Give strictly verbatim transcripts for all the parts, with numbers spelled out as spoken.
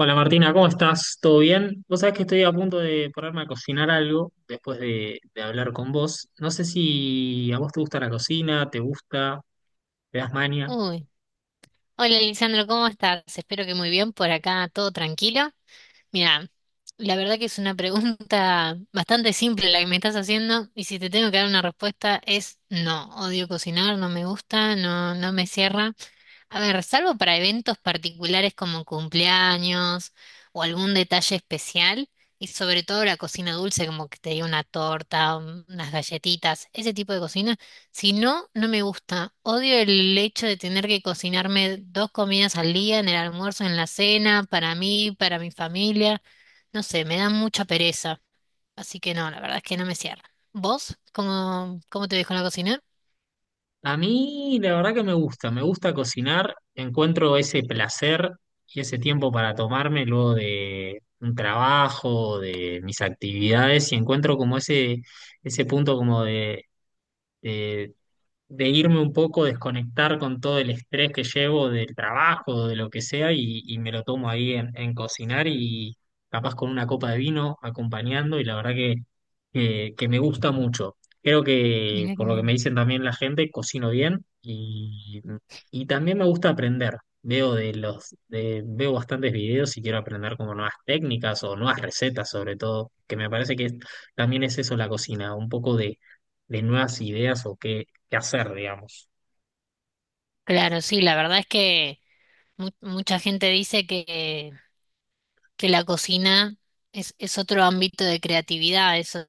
Hola Martina, ¿cómo estás? ¿Todo bien? Vos sabés que estoy a punto de ponerme a cocinar algo después de, de hablar con vos. No sé si a vos te gusta la cocina, te gusta, te das maña. Uy, hola Lisandro, ¿cómo estás? Espero que muy bien. Por acá, todo tranquilo. Mira, la verdad que es una pregunta bastante simple la que me estás haciendo, y si te tengo que dar una respuesta es no, odio cocinar, no me gusta, no, no me cierra. A ver, salvo para eventos particulares como cumpleaños o algún detalle especial, y sobre todo la cocina dulce, como que te diga una torta, un- unas galletitas, ese tipo de cocina, si no, no me gusta. Odio el hecho de tener que cocinarme dos comidas al día, en el almuerzo, en la cena, para mí, para mi familia. No sé, me da mucha pereza. Así que no, la verdad es que no me cierra. ¿Vos? ¿Cómo, cómo te ves con la cocina? A mí la verdad que me gusta, me gusta cocinar, encuentro ese placer y ese tiempo para tomarme luego de un trabajo, de mis actividades y encuentro como ese, ese punto como de, de irme un poco, desconectar con todo el estrés que llevo del trabajo, de lo que sea, y, y me lo tomo ahí en, en cocinar y capaz con una copa de vino acompañando, y la verdad que, que, que me gusta mucho. Creo que, Mira que... por lo que me dicen también la gente, cocino bien y, y también me gusta aprender. Veo de los, de- veo bastantes videos y quiero aprender como nuevas técnicas o nuevas recetas sobre todo, que me parece que es- también es eso la cocina, un poco de, de nuevas ideas o qué, qué hacer, digamos. Claro, sí, la verdad es que... Mu- mucha gente dice que, que la cocina es, es otro ámbito de creatividad. Eso.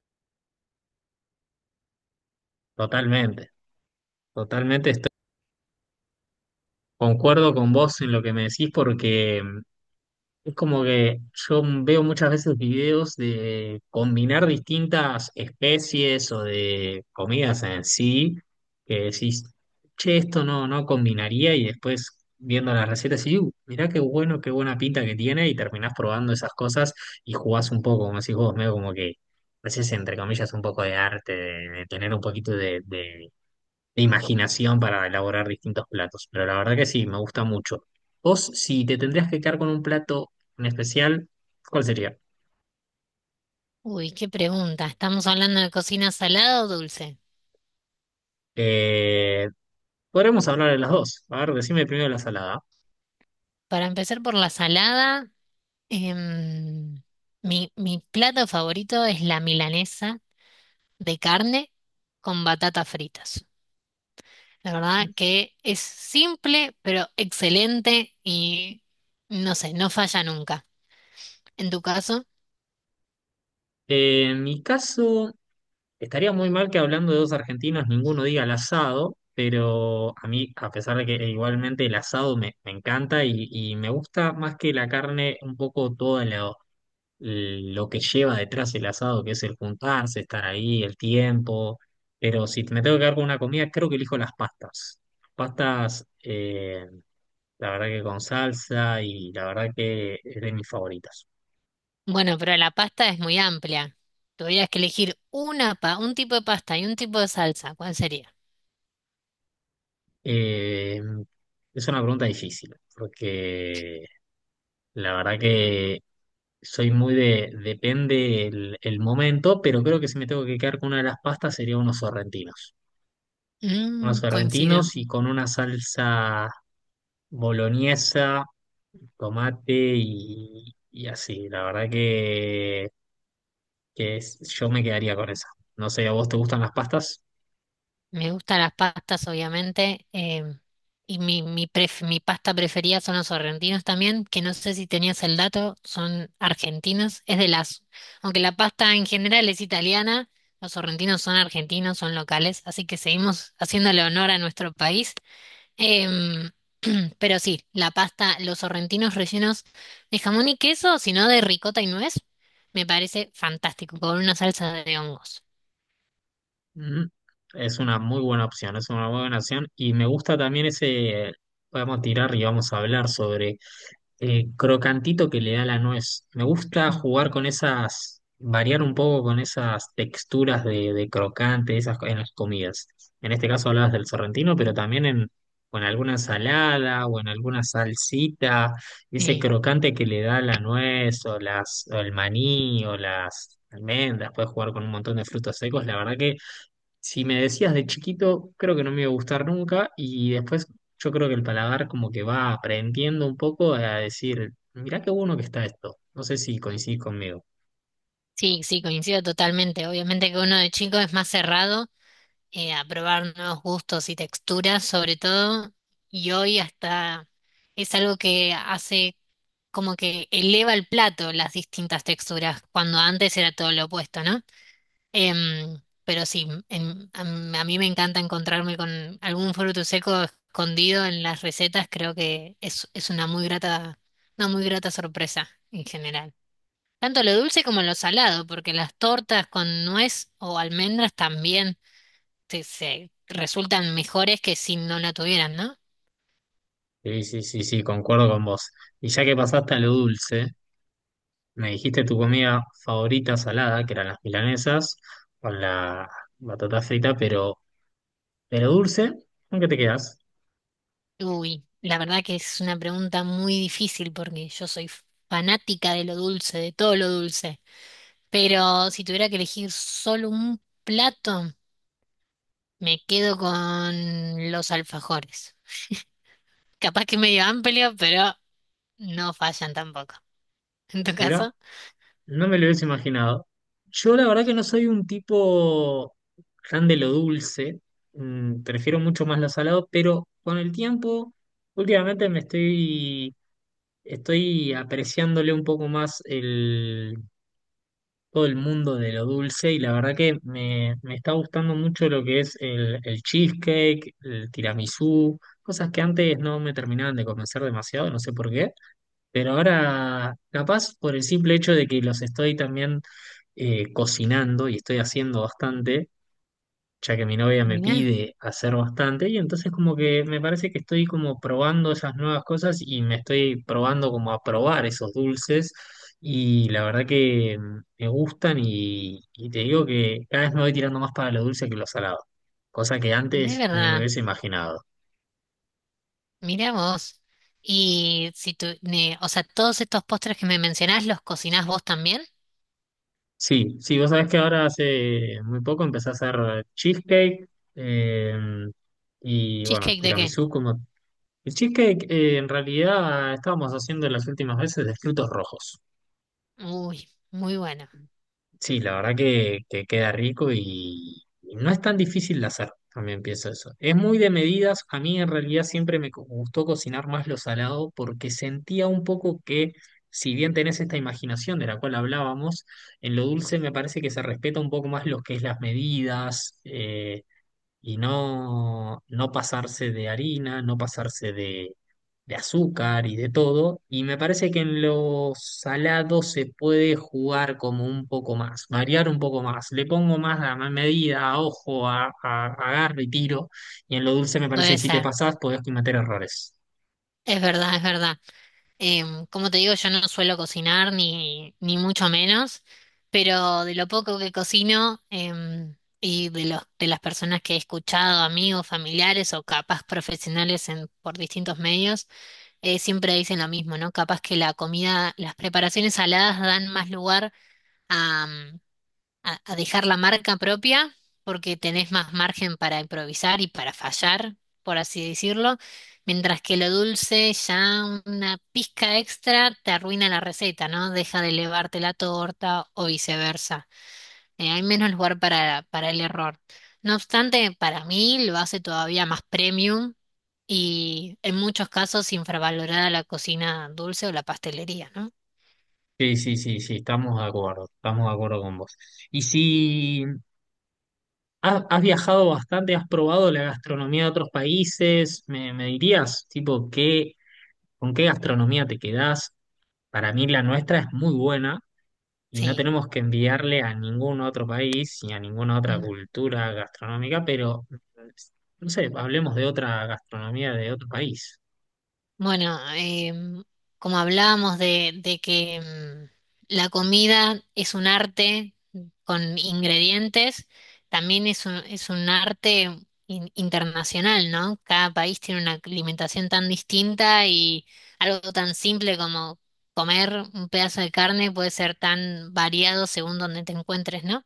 Totalmente, totalmente estoy, concuerdo con vos en lo que me decís porque mm, es como que yo veo muchas veces videos de combinar distintas especies o de comidas en sí, que decís, che, esto no, no combinaría y después viendo las recetas y "Uh, mirá qué bueno, qué buena pinta que tiene y terminás probando esas cosas y jugás un poco, como decís vos, medio como que haces entre comillas un poco de arte, de, de tener un poquito de, de de imaginación para elaborar distintos platos, pero la verdad que sí, me gusta mucho. Vos, si te tendrías que quedar con un plato en especial, ¿cuál sería? Uy, qué pregunta. ¿Estamos hablando de cocina salada o dulce? Eh, podremos hablar de las dos. A ver, decime primero la salada. Para empezar por la salada, em, mi, mi plato favorito es la milanesa de carne con batatas fritas. La verdad que es simple, pero excelente y no sé, no falla nunca. ¿En tu caso? Eh, en mi caso, estaría muy mal que hablando de dos argentinos ninguno diga el asado, pero a mí, a pesar de que eh, igualmente el asado me, me encanta y, y me gusta más que la carne un poco todo el la, lo que lleva detrás el asado, que es el juntarse, estar ahí, el tiempo. Pero si me tengo que quedar con una comida, creo que elijo las pastas. Pastas, eh, la verdad que con salsa y la verdad que es de mis favoritas. Bueno, pero la pasta es muy amplia. Tuvieras que elegir una pa- un tipo de pasta y un tipo de salsa. ¿Cuál sería? Eh, es una pregunta difícil, porque la verdad que soy muy de, depende el, el momento, pero creo que si me tengo que quedar con una de las pastas sería unos sorrentinos. Unos Mm, coincido. sorrentinos y con una salsa boloñesa tomate y, y así. La verdad que, que es- yo me quedaría con esa. No sé, ¿a vos te gustan las pastas? Me gustan las pastas, obviamente. Em, y mi, mi, pref- mi pasta preferida son los sorrentinos también, que no sé si tenías el dato, son argentinos. Es de las... Aunque la pasta en general es italiana, los sorrentinos son argentinos, son locales. Así que seguimos haciéndole honor a nuestro país. Em, pero sí, la pasta, los sorrentinos rellenos de jamón y queso, sino de ricota y nuez, me parece fantástico, con una salsa de hongos. Mm, es una muy buena opción, es una muy buena opción. Y me gusta también ese, podemos tirar y vamos a hablar sobre el crocantito que le da la nuez. Me gusta jugar con esas, variar un poco con esas texturas de, de crocante, esas co- en las comidas. En este caso hablabas del sorrentino, pero también en, o en alguna ensalada o en alguna salsita, ese Eh, crocante que le da la nuez o las, o el maní o las almendras, puedes jugar con un montón de frutos secos, la verdad que si me decías de chiquito, creo que no me iba a gustar nunca y después yo creo que el paladar como que va aprendiendo un poco a decir, mirá qué bueno que está esto. No sé si coincidís conmigo. sí, sí, coincido totalmente. Obviamente que uno de chico es más cerrado eh, a probar nuevos gustos y texturas, sobre todo, y hoy hasta es algo que hace como que eleva el plato las distintas texturas, cuando antes era todo lo opuesto, ¿no? Em, pero sí, em, a, m- a mí me encanta encontrarme con algún fruto seco escondido en las recetas, creo que es, es una muy grata, una muy grata sorpresa en general. Tanto lo dulce como lo salado, porque las tortas con nuez o almendras también se, se resultan mejores que si no la tuvieran, ¿no? Sí, sí, sí, sí, concuerdo con vos. Y ya que pasaste a lo dulce, me dijiste tu comida favorita salada, que eran las milanesas, con la batata frita, pero de lo dulce, ¿con qué te quedas? Uy, la verdad que es una pregunta muy difícil porque yo soy fanática de lo dulce, de todo lo dulce. Pero si tuviera que elegir solo un plato, me quedo con los alfajores. Capaz que medio amplio, pero no fallan tampoco. En tu Mirá, caso, no me lo hubiese imaginado. Yo la verdad que no soy un tipo tan de lo dulce, mm, prefiero mucho más lo salado, pero con el tiempo, últimamente me estoy, estoy apreciándole un poco más el, todo el mundo de lo dulce y la verdad que me, me está gustando mucho lo que es el, el cheesecake, el tiramisú, cosas que antes no me terminaban de convencer demasiado, no sé por qué. Pero ahora, capaz por el simple hecho de que los estoy también eh, cocinando y estoy haciendo bastante, ya que mi novia me mirá, pide hacer bastante, y entonces como que me parece que estoy como probando esas nuevas cosas y me estoy probando como a probar esos dulces. Y la verdad que mm, me gustan y, y te digo que cada vez me voy tirando más para lo dulce que lo salado, cosa que de antes ni me verdad, hubiese imaginado. mirá vos. Y si tú, ne- o sea, todos estos postres que me mencionás, ¿los cocinás vos también? Sí, sí, vos sabés que ahora hace muy poco empecé a hacer cheesecake eh, y bueno, ¿Cheesecake de qué? tiramisú como... El cheesecake eh, en realidad estábamos haciendo las últimas veces de frutos rojos. Uy, muy bueno. Sí, la verdad que, que queda rico y, y no es tan difícil de hacer, también pienso eso. Es muy de medidas, a mí en realidad siempre me co- gustó cocinar más lo salado porque sentía un poco que si bien tenés esta imaginación de la cual hablábamos, en lo dulce me parece que se respeta un poco más lo que es las medidas, eh, y no, no pasarse de harina, no pasarse de, de azúcar y de todo. Y me parece que en lo salado se puede jugar como un poco más, variar un poco más. Le pongo más a ma- medida, a ojo, a, a- agarro y tiro. Y en lo dulce me parece que Puede si te ser. pasás podés cometer errores. Es verdad, es verdad. Em, como te digo, yo no suelo cocinar ni, ni mucho menos, pero de lo poco que cocino, em, y de los, de las personas que he escuchado, amigos, familiares o capaz profesionales en, por distintos medios, eh, siempre dicen lo mismo, ¿no? Capaz que la comida, las preparaciones saladas dan más lugar a, a dejar la marca propia porque tenés más margen para improvisar y para fallar, por así decirlo, mientras que lo dulce ya una pizca extra te arruina la receta, ¿no? Deja de elevarte la torta o viceversa. Eh, hay menos lugar para, para el error. No obstante, para mí lo hace todavía más premium y en muchos casos infravalorada la cocina dulce o la pastelería, ¿no? Sí, sí, sí, sí, estamos de acuerdo, estamos de acuerdo con vos. Y si has, has viajado bastante, has probado la gastronomía de otros países, ¿me, me dirías, tipo, qué ¿con qué gastronomía te quedás? Para mí la nuestra es muy buena y no Sí. tenemos que enviarle a ningún otro país ni a ninguna otra cultura gastronómica, pero mm, no sé, hablemos de otra gastronomía de otro país. Bueno, em, como hablábamos de, de que em, la comida es un arte con ingredientes, también es un, es un arte in- internacional, ¿no? Cada país tiene una alimentación tan distinta, y algo tan simple como comer un pedazo de carne puede ser tan variado según donde te encuentres, ¿no?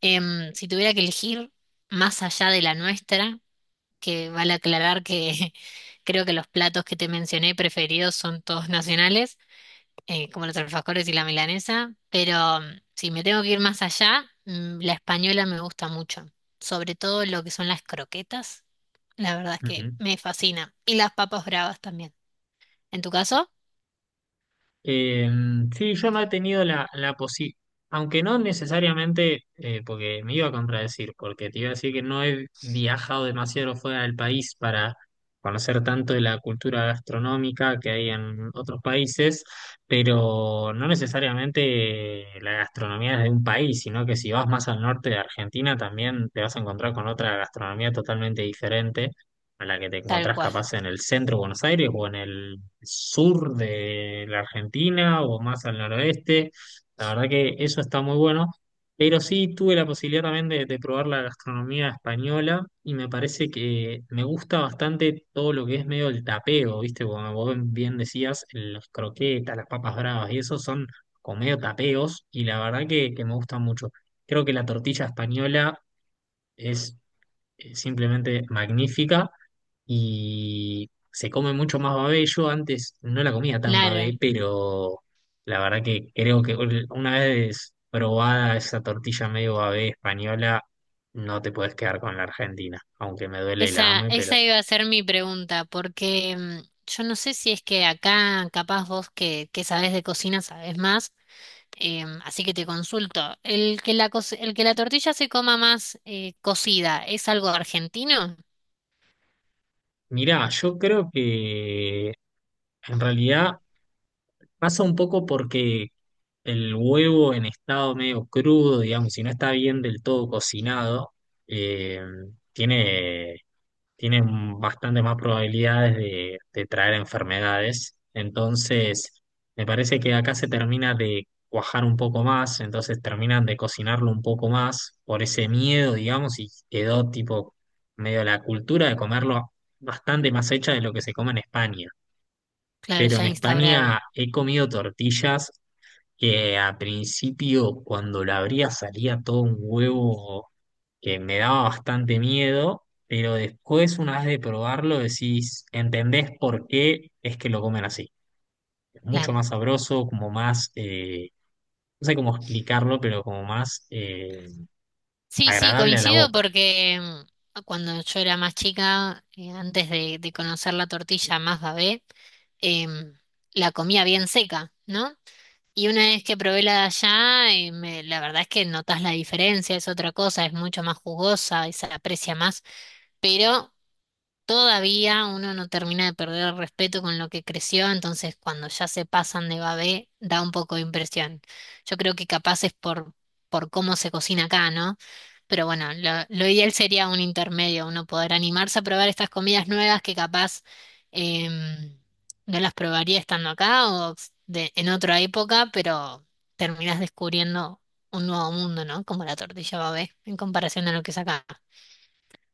Em, si tuviera que elegir más allá de la nuestra, que vale aclarar que creo que los platos que te mencioné preferidos son todos nacionales, eh, como los alfajores y la milanesa, pero mm, si me tengo que ir más allá, mm, la española me gusta mucho, sobre todo lo que son las croquetas, la verdad es que me fascina, y las papas bravas también. En tu caso, Eh, sí, yo no he tenido la, la posibilidad, aunque no necesariamente, eh, porque me iba a contradecir, porque te iba a decir que no he viajado demasiado fuera del país para conocer tanto de la cultura gastronómica que hay en otros países, pero no necesariamente la gastronomía es de un país, sino que si vas más al norte de Argentina también te vas a encontrar con otra gastronomía totalmente diferente a la que te tal encontrás cual. capaz en el centro de Buenos Aires o en el sur de la Argentina o más al noroeste. La verdad que eso está muy bueno. Pero sí tuve la posibilidad también de, de probar la gastronomía española y me parece que me gusta bastante todo lo que es medio el tapeo, ¿viste? Como vos bien decías, las croquetas, las papas bravas y eso son como medio tapeos y la verdad que, que me gusta mucho. Creo que la tortilla española es eh, simplemente magnífica y se come mucho más babé. Yo antes no la comía tan Claro, babé, pero la verdad que creo que ul- una vez probada esa tortilla medio babé española, no te puedes quedar con la Argentina, aunque me duele y la esa, ame, pero esa iba a ser mi pregunta, porque mm, yo no sé si es que acá, capaz vos que, que sabés de cocina, sabés más. Em, así que te consulto, ¿el que la, cos- el que la tortilla se coma más eh, cocida es algo argentino? mirá, yo creo que en realidad pasa un poco porque el huevo en estado medio crudo, digamos, si no está bien del todo cocinado, eh, tiene tienen bastante más probabilidades de, de traer enfermedades. Entonces, me parece que acá se termina de cuajar un poco más, entonces terminan de cocinarlo un poco más por ese miedo, digamos, y quedó tipo medio la cultura de comerlo bastante más hecha de lo que se come en España. Claro, Pero en ya instaurado, España he comido tortillas que a principio cuando la abría salía todo un huevo que me daba bastante miedo, pero después una vez de probarlo decís, entendés por qué es que lo comen así. Mucho claro. más sabroso, como más, eh, no sé cómo explicarlo, pero como más eh, Sí, sí, agradable a la coincido boca. porque em, cuando yo era más chica, eh, antes de, de conocer la tortilla más babé, em, la comía bien seca, ¿no? Y una vez que probé la de allá, eh, me- la verdad es que notas la diferencia, es otra cosa, es mucho más jugosa y se aprecia más, pero todavía uno no termina de perder el respeto con lo que creció, entonces cuando ya se pasan de babé da un poco de impresión. Yo creo que capaz es por, por cómo se cocina acá, ¿no? Pero bueno, lo, lo ideal sería un intermedio, uno poder animarse a probar estas comidas nuevas que capaz em, no las probaría estando acá o de- en otra época, pero terminás descubriendo un nuevo mundo, ¿no? Como la tortilla babé en comparación a lo que es acá.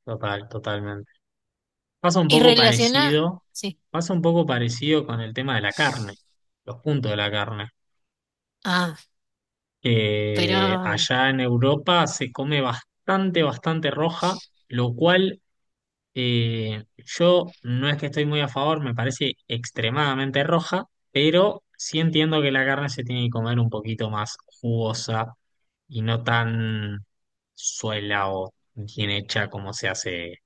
Total, totalmente. Pasa un Y poco relaciona... parecido, sí. pasa un poco parecido con el tema de la carne, los puntos de la carne. Ah. Pero, Eh, allá en Europa se come bastante, bastante roja, lo cual eh, yo no es que estoy muy a favor, me parece extremadamente roja, pero sí entiendo que la carne se tiene que comer un poquito más jugosa y no tan suela o bien hecha como se hace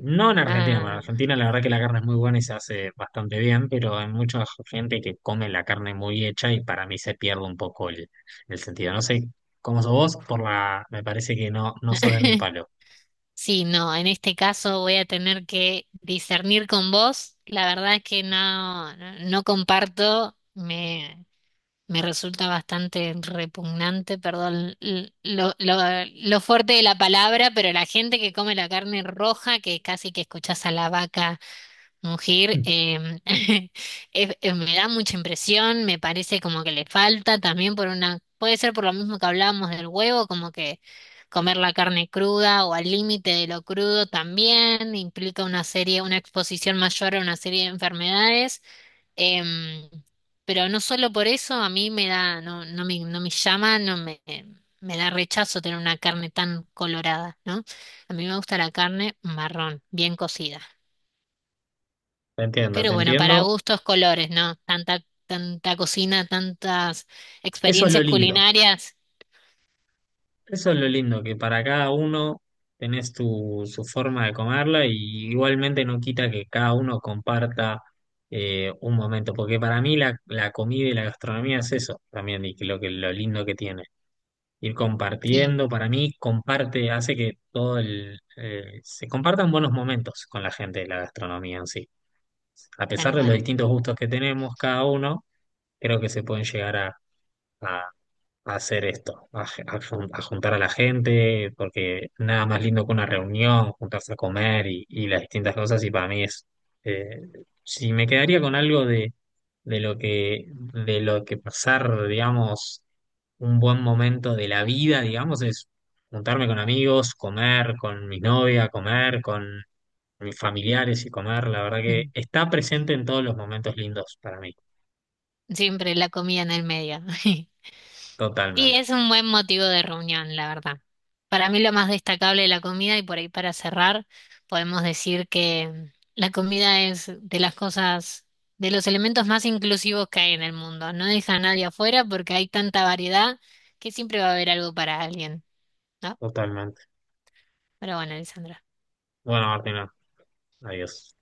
no en Argentina, bueno, en ah, Argentina la verdad que la carne es muy buena y se hace bastante bien, pero hay mucha gente que come la carne muy hecha y para mí se pierde un poco el, el sentido. No sé cómo sos vos, por la, me parece que no, no sos de mi palo. sí, no, en este caso voy a tener que discernir con vos. La verdad es que no, no, no comparto, me, me resulta bastante repugnante, perdón, l- lo, lo, lo fuerte de la palabra, pero la gente que come la carne roja, que casi que escuchás a la vaca. Mugir em, es- eh, me da mucha impresión, me parece como que le falta también por una, puede ser por lo mismo que hablábamos del huevo, como que comer la carne cruda o al límite de lo crudo también implica una serie, una exposición mayor a una serie de enfermedades. em, pero no solo por eso, a mí me da, no, no me, no me llama, no me, me da rechazo tener una carne tan colorada, ¿no? A mí me gusta la carne marrón, bien cocida. Te entiendo, te Pero bueno, para entiendo. gustos, colores, ¿no? Tanta, tanta cocina, tantas Eso es lo experiencias lindo, culinarias. eso es lo lindo, que para cada uno tenés tu, su forma de comerla y igualmente no quita que cada uno comparta eh, un momento, porque para mí la, la comida y la gastronomía es eso también, y que lo que, lo lindo que tiene. Ir Sí, compartiendo. Para mí, comparte, hace que todo el, eh, se compartan buenos momentos con la gente de la gastronomía en sí. A tal pesar de los cual. distintos gustos que tenemos cada uno, creo que se pueden llegar a, a a hacer esto, a, ge- a jun- a juntar a la gente, porque nada más lindo que una reunión, juntarse a comer y, y las distintas cosas, y para mí es, eh, si me quedaría con algo de, de lo que, de lo que pasar, digamos, un buen momento de la vida, digamos, es juntarme con amigos, comer con mi novia, comer con mis familiares y comer, la verdad que Ujú. está presente en todos los momentos lindos para mí, Siempre la comida en el medio. Y totalmente, es un buen motivo de reunión, la verdad. Para mí lo más destacable de la comida, y por ahí para cerrar, podemos decir que la comida es de las cosas, de los elementos más inclusivos que hay en el mundo. No deja a nadie afuera porque hay tanta variedad que siempre va a haber algo para alguien, ¿no? totalmente. Pero bueno, Alessandra. Bueno, Martina, adiós.